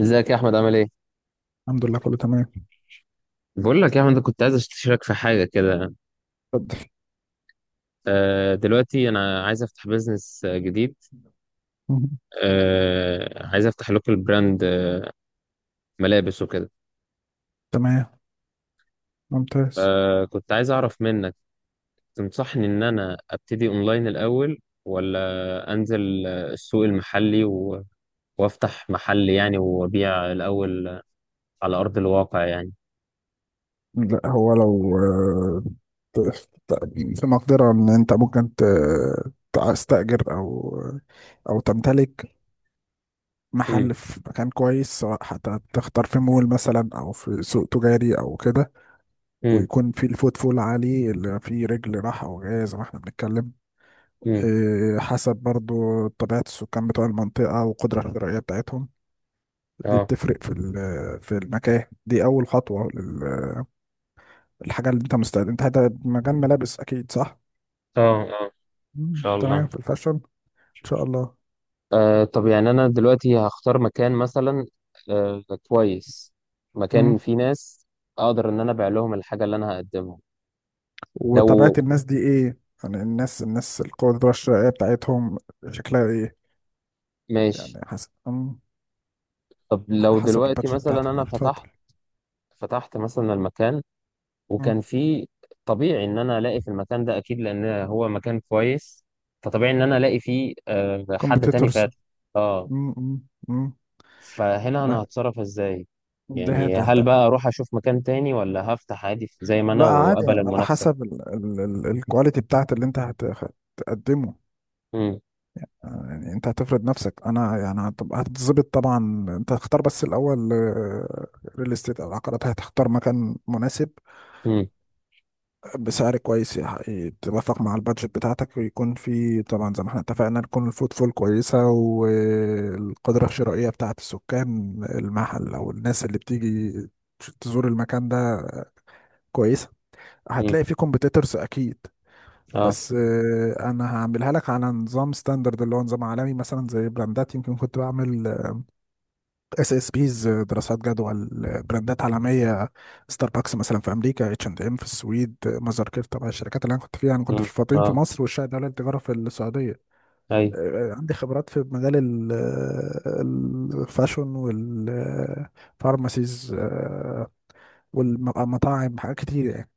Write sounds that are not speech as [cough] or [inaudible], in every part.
ازيك يا احمد، عامل ايه؟ الحمد لله كله تمام. بقول لك يا احمد، أنا كنت عايز اشترك في حاجه كده. اتفضل. دلوقتي انا عايز افتح بيزنس جديد. مم. عايز افتح لوكال براند ملابس وكده. تمام، ممتاز. كنت عايز اعرف منك، تنصحني ان انا ابتدي اونلاين الاول، ولا انزل السوق المحلي وافتح محل يعني، وابيع الاول على ارض الواقع يعني. لا هو لو في مقدرة ان انت ممكن تستأجر او تمتلك امم، محل في مكان كويس، سواء حتى تختار في مول مثلا او في سوق تجاري او كده، امم، ويكون في الفوت فول عالي، اللي فيه رجل راحة او جاية زي ما احنا بنتكلم. امم، حسب برضو طبيعة السكان بتوع المنطقة والقدرة الشرائية بتاعتهم، دي اه، بتفرق في في المكان. دي اول خطوه للحاجه اللي انت مستعد. انت هذا مجال ملابس اكيد، صح؟ اه، اه، ان مم. شاء تمام، الله. في الفاشن ان شاء الله. طب، يعني أنا دلوقتي هختار مكان مثلا آه كويس، مكان مم. فيه ناس أقدر إن أنا أبيع لهم الحاجة اللي أنا هقدمها. وطبيعه لو. الناس دي ايه؟ يعني الناس القدره الشرائيه بتاعتهم شكلها ايه؟ ماشي. يعني حسب. مم. طب على لو حسب دلوقتي البادجت مثلا بتاعتك. لو أنا فتحت. اتفضل. مثلا المكان وكان فيه، طبيعي إن أنا ألاقي في المكان ده أكيد لأن هو مكان كويس. فطبيعي إن أنا ألاقي فيه حد تاني كومبيتيتورز. فاتح. آه. فهنا أنا ما هتصرف إزاي؟ ده يعني تحت. هل بقى أروح أشوف مكان تاني، ولا هفتح عادي زي ما أنا لا عادي، وأقبل على المنافسة؟ حسب الكواليتي بتاعت اللي انت هتقدمه. يعني انت هتفرض نفسك، انا يعني هتتظبط طبعا. انت هتختار بس الاول ريل استيت او العقارات، هتختار مكان مناسب امم، بسعر كويس، يتوافق مع البادجت بتاعتك، ويكون في طبعا زي ما احنا اتفقنا، تكون الفوتفول كويسه، والقدره الشرائيه بتاعت السكان المحل او الناس اللي بتيجي تزور المكان ده كويسه. امم، هتلاقي فيه كومبيتيتورز اكيد، اه، بس انا هعملها لك على نظام ستاندرد، اللي هو نظام عالمي. مثلا زي براندات يمكن كنت بعمل اس اس بيز دراسات جدوى. براندات عالميه، ستاربكس مثلا في امريكا، اتش اند ام في السويد، مازر كير. طبعا الشركات اللي انا كنت فيها، انا كنت امم، في الفاطمين في اه، مصر، والشاهد دوله التجاره في السعوديه. اي، عندي خبرات في مجال الفاشون والفارماسيز والمطاعم، حاجات كتير يعني.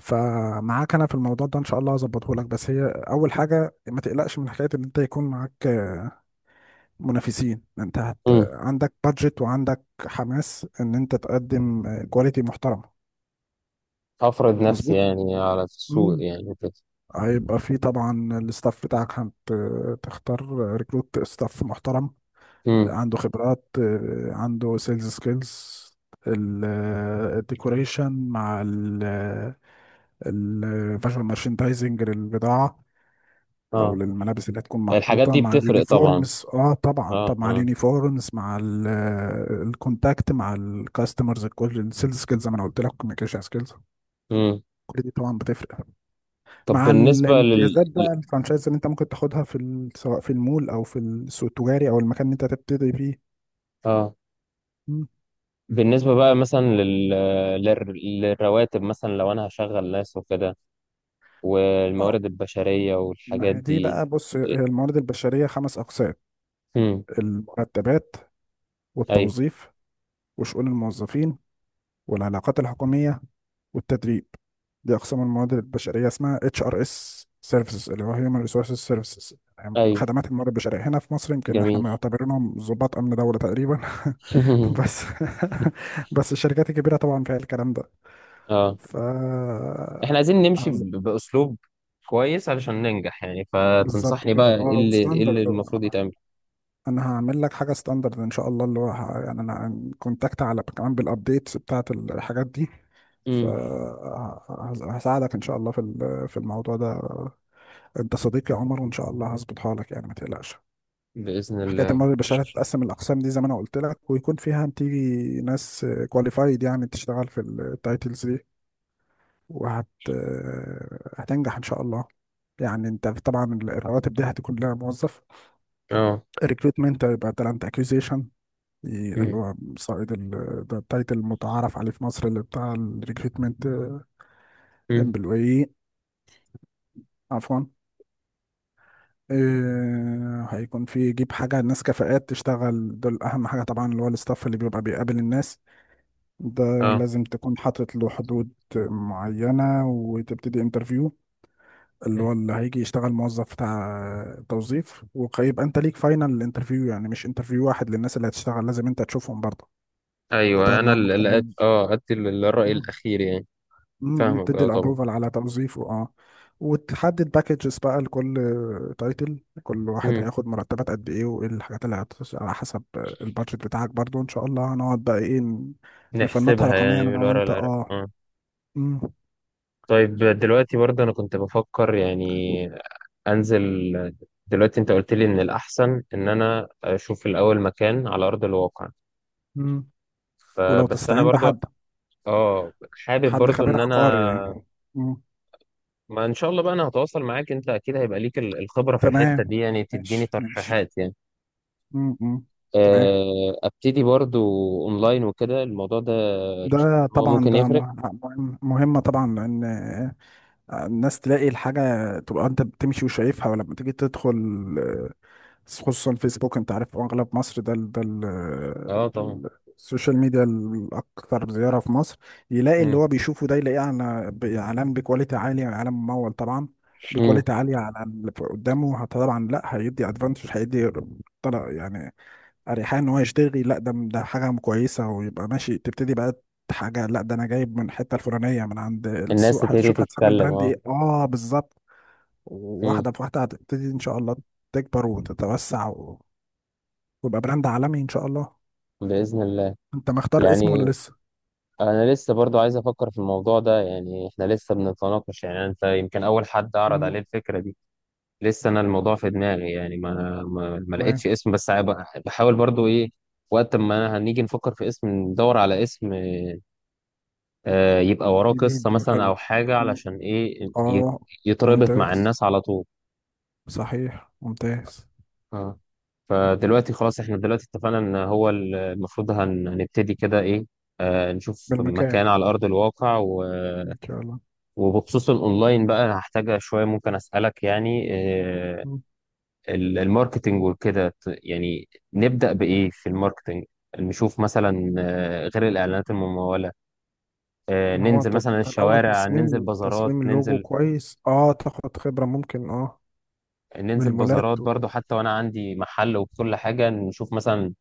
فمعاك انا في الموضوع ده ان شاء الله، هظبطه لك. بس هي اول حاجه، ما تقلقش من حكايه ان انت يكون معاك منافسين. انت امم. عندك بادجت، وعندك حماس ان انت تقدم كواليتي محترمه. افرض نفسي مظبوط. يعني على السوق مم. يعني وكده. هيبقى في طبعا الستاف بتاعك، هتختار ريكروت ستاف محترم، امم، عنده خبرات، عنده سيلز سكيلز، الديكوريشن مع الفيجوال مارشندايزنج للبضاعة او اه. للملابس اللي هتكون الحاجات محطوطه، دي مع بتفرق طبعا. اليونيفورمز. اه طبعا، اه، طب مع اه. اليونيفورمز، مع الكونتاكت مع الكاستمرز، كل السيلز سكيلز زي ما انا قلت لك، كوميونيكيشن سكيلز. امم. كل دي طبعا بتفرق، طب مع بالنسبة لل الامتيازات ل- بقى، الفرانشايز اللي انت ممكن تاخدها في ال... سواء في المول او في السوق التجاري او المكان اللي انت هتبتدي فيه. اه مم. بالنسبة بقى مثلا لل... للرواتب، مثلا لو انا هشغل ناس وكده، اه، والموارد البشرية والحاجات ما هي دي دي. بقى، بص، هي الموارد البشريه خمس اقسام: امم، المرتبات، اي، والتوظيف، وشؤون الموظفين، والعلاقات الحكوميه، والتدريب. دي اقسام الموارد البشريه، اسمها اتش ار اس سيرفيسز، اللي هو هيومن ريسورسز سيرفيسز، اي، خدمات الموارد البشريه. هنا في مصر يمكن احنا جميل. معتبرينهم ضباط امن دوله تقريبا [laughs] [laughs] بس [laughs] بس الشركات الكبيره طبعا فيها الكلام ده. اه، ف احنا عايزين نمشي عز- باسلوب كويس علشان ننجح يعني. بالظبط فتنصحني كده، بقى اه، ايه اللي وستاندرد المفروض بقى. يتعمل؟ انا هعمل لك حاجه ستاندرد ان شاء الله، اللي هو يعني انا كونتاكت على كمان بالابديتس بتاعت الحاجات دي. امم. فهساعدك ان شاء الله في في الموضوع ده. انت صديقي يا عمر، وان شاء الله هظبطها لك يعني، ما تقلقش. باذن حكايه الله. الموارد البشريه هتتقسم الاقسام دي زي ما انا قلت لك، ويكون فيها هتيجي ناس كواليفايد يعني تشتغل في التايتلز دي، وهت آه، هتنجح ان شاء الله. يعني انت طبعا الرواتب دي هتكون لها موظف. اه. الريكروتمنت هيبقى تالنت اكوزيشن، اللي امم، هو صائد ده التايتل المتعارف عليه في مصر اللي بتاع الريكروتمنت امم، امبلوي. عفوا، هيكون في يجيب حاجة الناس كفاءات تشتغل. دول أهم حاجة طبعا، اللي هو الستاف اللي بيبقى بيقابل الناس ده، اه، لازم تكون حاطط له حدود معينة، وتبتدي انترفيو اللي مم. هو اللي هيجي يشتغل موظف بتاع توظيف، ويبقى انت ليك فاينل انترفيو. يعني مش انترفيو واحد، للناس اللي هتشتغل لازم انت تشوفهم برضه، ايوه، تقعد انا معاهم اللي وتكلمهم. ادي الراي الاخير يعني. مم، فاهمك، تدي اه طبعا. الابروفال على توظيفه، اه. وتحدد باكجز بقى لكل تايتل، كل واحد امم. هياخد مرتبات قد ايه، وايه الحاجات اللي هتخش، على حسب البادجت بتاعك برضو. ان شاء الله هنقعد بقى ايه نفنطها نحسبها رقميا يعني انا من ورا وانت، العراق اه. اه. مم، طيب دلوقتي برضه انا كنت بفكر يعني انزل. دلوقتي انت قلت لي ان الاحسن ان انا اشوف الاول مكان على ارض الواقع، مم. ولو فبس انا تستعين برضو بحد، اه حابب حد برضو خبير ان انا، عقاري يعني. مم. ما ان شاء الله بقى انا هتواصل معاك، انت اكيد هيبقى ليك الخبرة في الحتة تمام. دي يعني تديني ماشي ماشي. ترشيحات يعني. مم، مم. تمام. ابتدي برضو اونلاين وكده، الموضوع ده ده هو طبعا ممكن يفرق. مهمة طبعا، لأن الناس تلاقي الحاجة، تبقى انت بتمشي وشايفها، ولما تيجي تدخل. آه، خصوصا فيسبوك، انت عارف اغلب مصر اه طبعا. ال- السوشيال ميديا الاكثر زيارة في مصر. يلاقي اللي مم. هو بيشوفه ده، يلاقيه على اعلان بكواليتي عالية، اعلان ممول طبعا، مم. بكواليتي عالية. على اللي قدامه طبعا، لا، هيدي ادفانتج، هيدي طلع يعني اريحيه ان هو يشتغل. لا ده حاجه كويسه. ويبقى ماشي، تبتدي بقى حاجه. لا ده انا جايب من الحته الفلانيه من عند الناس السوق. تبتدي هتشوف هتسمي تتكلم. البراند اه. ايه؟ اه بالظبط. مم. واحده بواحده هتبتدي ان شاء الله تكبر وتتوسع و... ويبقى براند عالمي ان شاء الله. بإذن الله. انت مختار اسمه ولا يعني لسه؟ انا لسه برضو عايز افكر في الموضوع ده، يعني احنا لسه بنتناقش. يعني انت يمكن اول حد عرض مم. عليه الفكرة دي. لسه انا الموضوع في دماغي يعني، ما لقيتش تمام. اسم. بس بحاول برضو ايه، وقت ما هنيجي نفكر في اسم ندور على اسم يبقى وراه قصة جديد مثلا او وحلو. حاجة، مم. علشان ايه اه. يتربط مع ممتاز. الناس على طول. صحيح، ممتاز. اه. فدلوقتي خلاص، احنا دلوقتي اتفقنا ان هو المفروض هنبتدي كده ايه. نشوف بالمكان مكان على ارض الواقع ان شاء الله. وبخصوص الاونلاين بقى، هحتاج شوية ممكن اسألك يعني. الماركتينج وكده، يعني نبدأ بإيه في الماركتينج؟ نشوف مثلا غير الإعلانات الممولة. ما هو ننزل انت مثلا انت الاول الشوارع، ننزل تصميم بازارات، تصميم اللوجو كويس، اه، تاخد خبرة ممكن، اه، من ننزل المولات بازارات و... برضو حتى وأنا عندي محل وكل حاجة. نشوف مثلا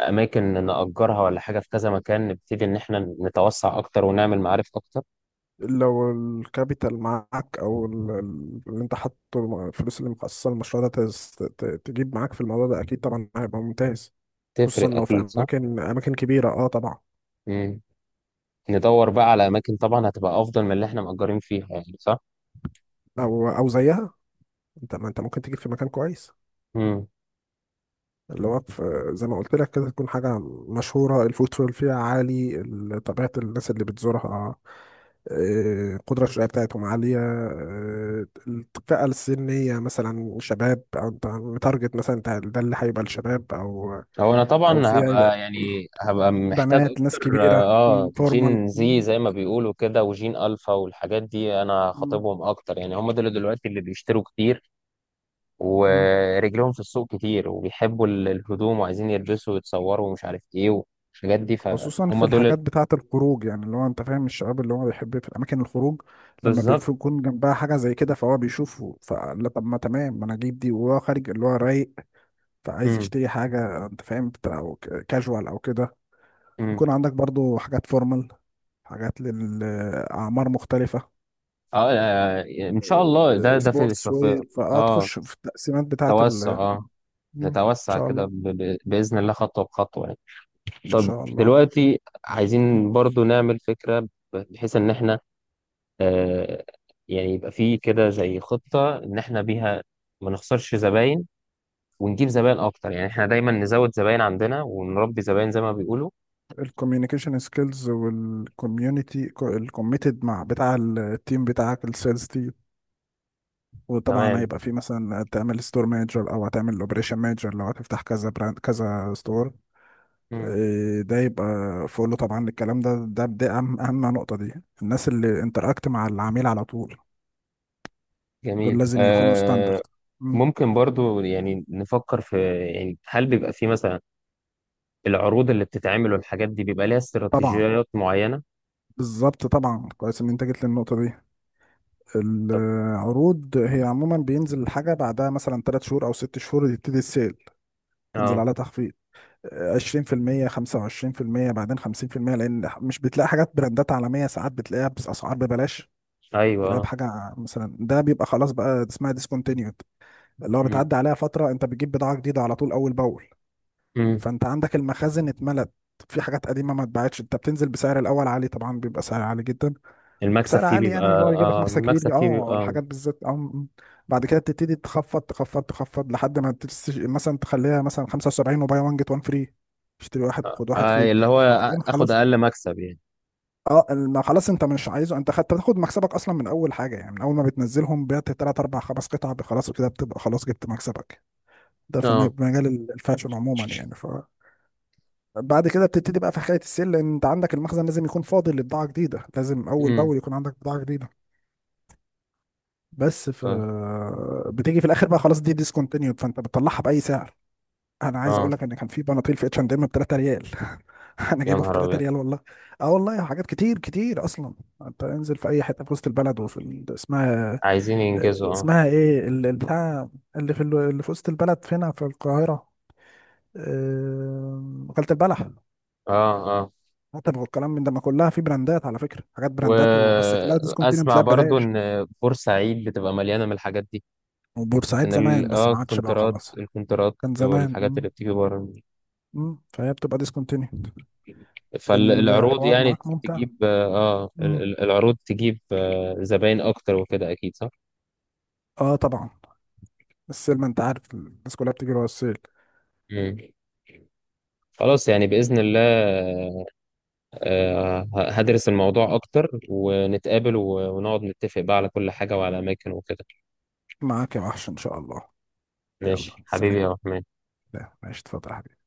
أماكن نأجرها ولا حاجة في كذا مكان، نبتدي إن إحنا نتوسع أكتر ونعمل معارف أكتر. لو الكابيتال معاك، او اللي انت حاطه الفلوس اللي مخصصة للمشروع ده، تجيب معاك في الموضوع ده، اكيد طبعا هيبقى ممتاز. خصوصا تفرق لو في أكيد صح؟ اماكن، اماكن كبيرة، اه طبعا. مم. ندور بقى على أماكن طبعا هتبقى أفضل من اللي إحنا مأجرين فيها، يعني صح؟ او زيها. انت، ما انت ممكن تجيب في مكان كويس مم. اللي هو في زي ما قلت لك كده، تكون حاجة مشهورة الفوتفول فيها عالي، طبيعة الناس اللي بتزورها، القدرة الشرائية بتاعتهم عالية، الفئة السنية مثلا شباب، أو أنت متارجت مثلا. أنت ده اللي هيبقى الشباب، أو هو انا أو طبعا فيها يبقى هبقى، يعني هبقى محتاج بنات ناس اكتر كبيرة، اه مم، فورمال، جين، مم، زي ما بيقولوا كده، وجين الفا والحاجات دي، انا مم، خاطبهم اكتر يعني. هم دول دلوقتي اللي بيشتروا كتير، مم. ورجلهم في السوق كتير، وبيحبوا الهدوم، وعايزين يلبسوا ويتصوروا، ومش عارف ايه والحاجات دي، خصوصا في فهم دول الحاجات بتاعة الخروج يعني، اللي هو انت فاهم الشباب اللي هو بيحب في الاماكن الخروج. لما بالظبط. بيكون جنبها حاجة زي كده، فهو بيشوفه، فلا طب ما تمام، ما انا اجيب دي وهو خارج، اللي هو رايق. فعايز امم، يشتري حاجة انت فاهم، كاجوال او كده. امم، يكون عندك برضو حاجات فورمال، حاجات للأعمار مختلفة، اه، ان شاء الله. ده اه، ده في في- سبورتس في- وير. اه فهتخش في التقسيمات بتاعة ال. توسع. اه، مم. ان نتوسع شاء كده الله. مم. باذن الله، خطوه بخطوه يعني. ان طب شاء الله. دلوقتي عايزين برضو نعمل فكرة بحيث ان احنا آه يعني يبقى في كده زي خطة ان احنا بيها ما نخسرش زباين، ونجيب زباين اكتر. يعني احنا دايما نزود زباين عندنا ونربي زباين زي ما بيقولوا. الكوميونيكيشن سكيلز والكوميونتي الكوميتد مع بتاع التيم بتاعك، السيلز تيم. وطبعا تمام، هيبقى في مثلا تعمل ستور مانجر، او هتعمل اوبريشن مانجر لو هتفتح كذا براند كذا ستور. مم، ده يبقى فوق له طبعا الكلام ده، اهم نقطة دي، الناس اللي انتراكت مع العميل على طول، دول جميل، لازم يكونوا آه. ستاندرد. ممكن برضو يعني نفكر في، يعني هل بيبقى في مثلا العروض اللي بتتعمل والحاجات دي بيبقى ليها طبعا، استراتيجيات معينة؟ بالظبط. طبعا كويس ان انت جيت للنقطه دي. طب. العروض هي عموما بينزل الحاجه بعدها مثلا 3 شهور او 6 شهور، يبتدي السيل، تنزل اه، عليها تخفيض، 20% 25%، بعدين 50%. لان مش بتلاقي حاجات براندات عالميه، ساعات بتلاقيها باسعار ببلاش، ايوه، تلاقيها اه، بحاجه مثلا. ده بيبقى خلاص بقى اسمها ديسكونتينيود، اللي هو مم، بتعدي عليها فتره، انت بتجيب بضاعه جديده على طول اول باول. مم. فانت عندك المخازن اتملت في حاجات قديمه ما اتباعتش، انت بتنزل بسعر الاول عالي طبعا، بيبقى سعر عالي جدا، بسعر عالي، يعني اللي هو يجيب لك مكسب المكسب كبير، فيه اه، بيبقى الحاجات بالذات، اه م- م. بعد كده بتبتدي تخفض لحد ما مثلا تخليها مثلا 75، وباي 1 جيت 1 فري، اشتري واحد وخد واحد فري. اللي هو بعدين اخد خلاص، اقل مكسب يعني. اه. ما خلاص انت مش عايزه، انت خدت، تاخد مكسبك اصلا من اول حاجه. يعني من اول ما بتنزلهم بعت 3 4 5 قطع، خلاص كده بتبقى خلاص جبت مكسبك. ده في اه. مجال الفاشن عموما يعني. ف بعد كده بتبتدي بقى في حكايه السيل، لان انت عندك المخزن لازم يكون فاضي لبضاعه جديده، لازم اول امم. باول يكون عندك بضاعه جديده. بس ف طيب. بتيجي في الاخر بقى، خلاص دي ديسكونتينيود، فانت بتطلعها باي سعر. انا عايز اقول اه. لك ان كان في بناطيل في اتش اند ام ب 3 ريال [laughs] انا يا جايبه ب نهار 3 ابيض. ريال والله. اه والله، حاجات كتير اصلا. انت انزل في اي حته في وسط البلد، وفي ال... اسمها، عايزين ينجزوا اه. اسمها ايه البتاع اللي في ال... اللي في وسط البلد فينا في القاهره، وكالة البلح. اه، اه. حتى والكلام من ده، ما كلها في براندات على فكره، حاجات براندات وبس، كلها ديسكونتينيو، واسمع بتلاقي برضو ببلاش. ان بورسعيد بتبقى مليانه من الحاجات دي، ان وبورسعيد زمان، بس ما عادش بقى خلاص. الكونترات كان زمان. والحاجات اللي بتيجي بره. مم. فهي بتبقى ديسكونتينيود. فالعروض الحوار يعني معاك ممتع. تجيب اه آه، ال- مم. ال- العروض تجيب زباين اكتر وكده، اكيد صح؟ اه طبعا، السيل ما انت عارف، الناس كلها بتجري ورا السيل. مم. خلاص يعني باذن الله. هدرس الموضوع أكتر، ونتقابل ونقعد نتفق بقى على كل حاجة وعلى أماكن وكده. معاك يا وحش ان شاء الله. يلا ماشي حبيبي سلام. يا أحمد. لا ماشي اتفضل يا حبيبي.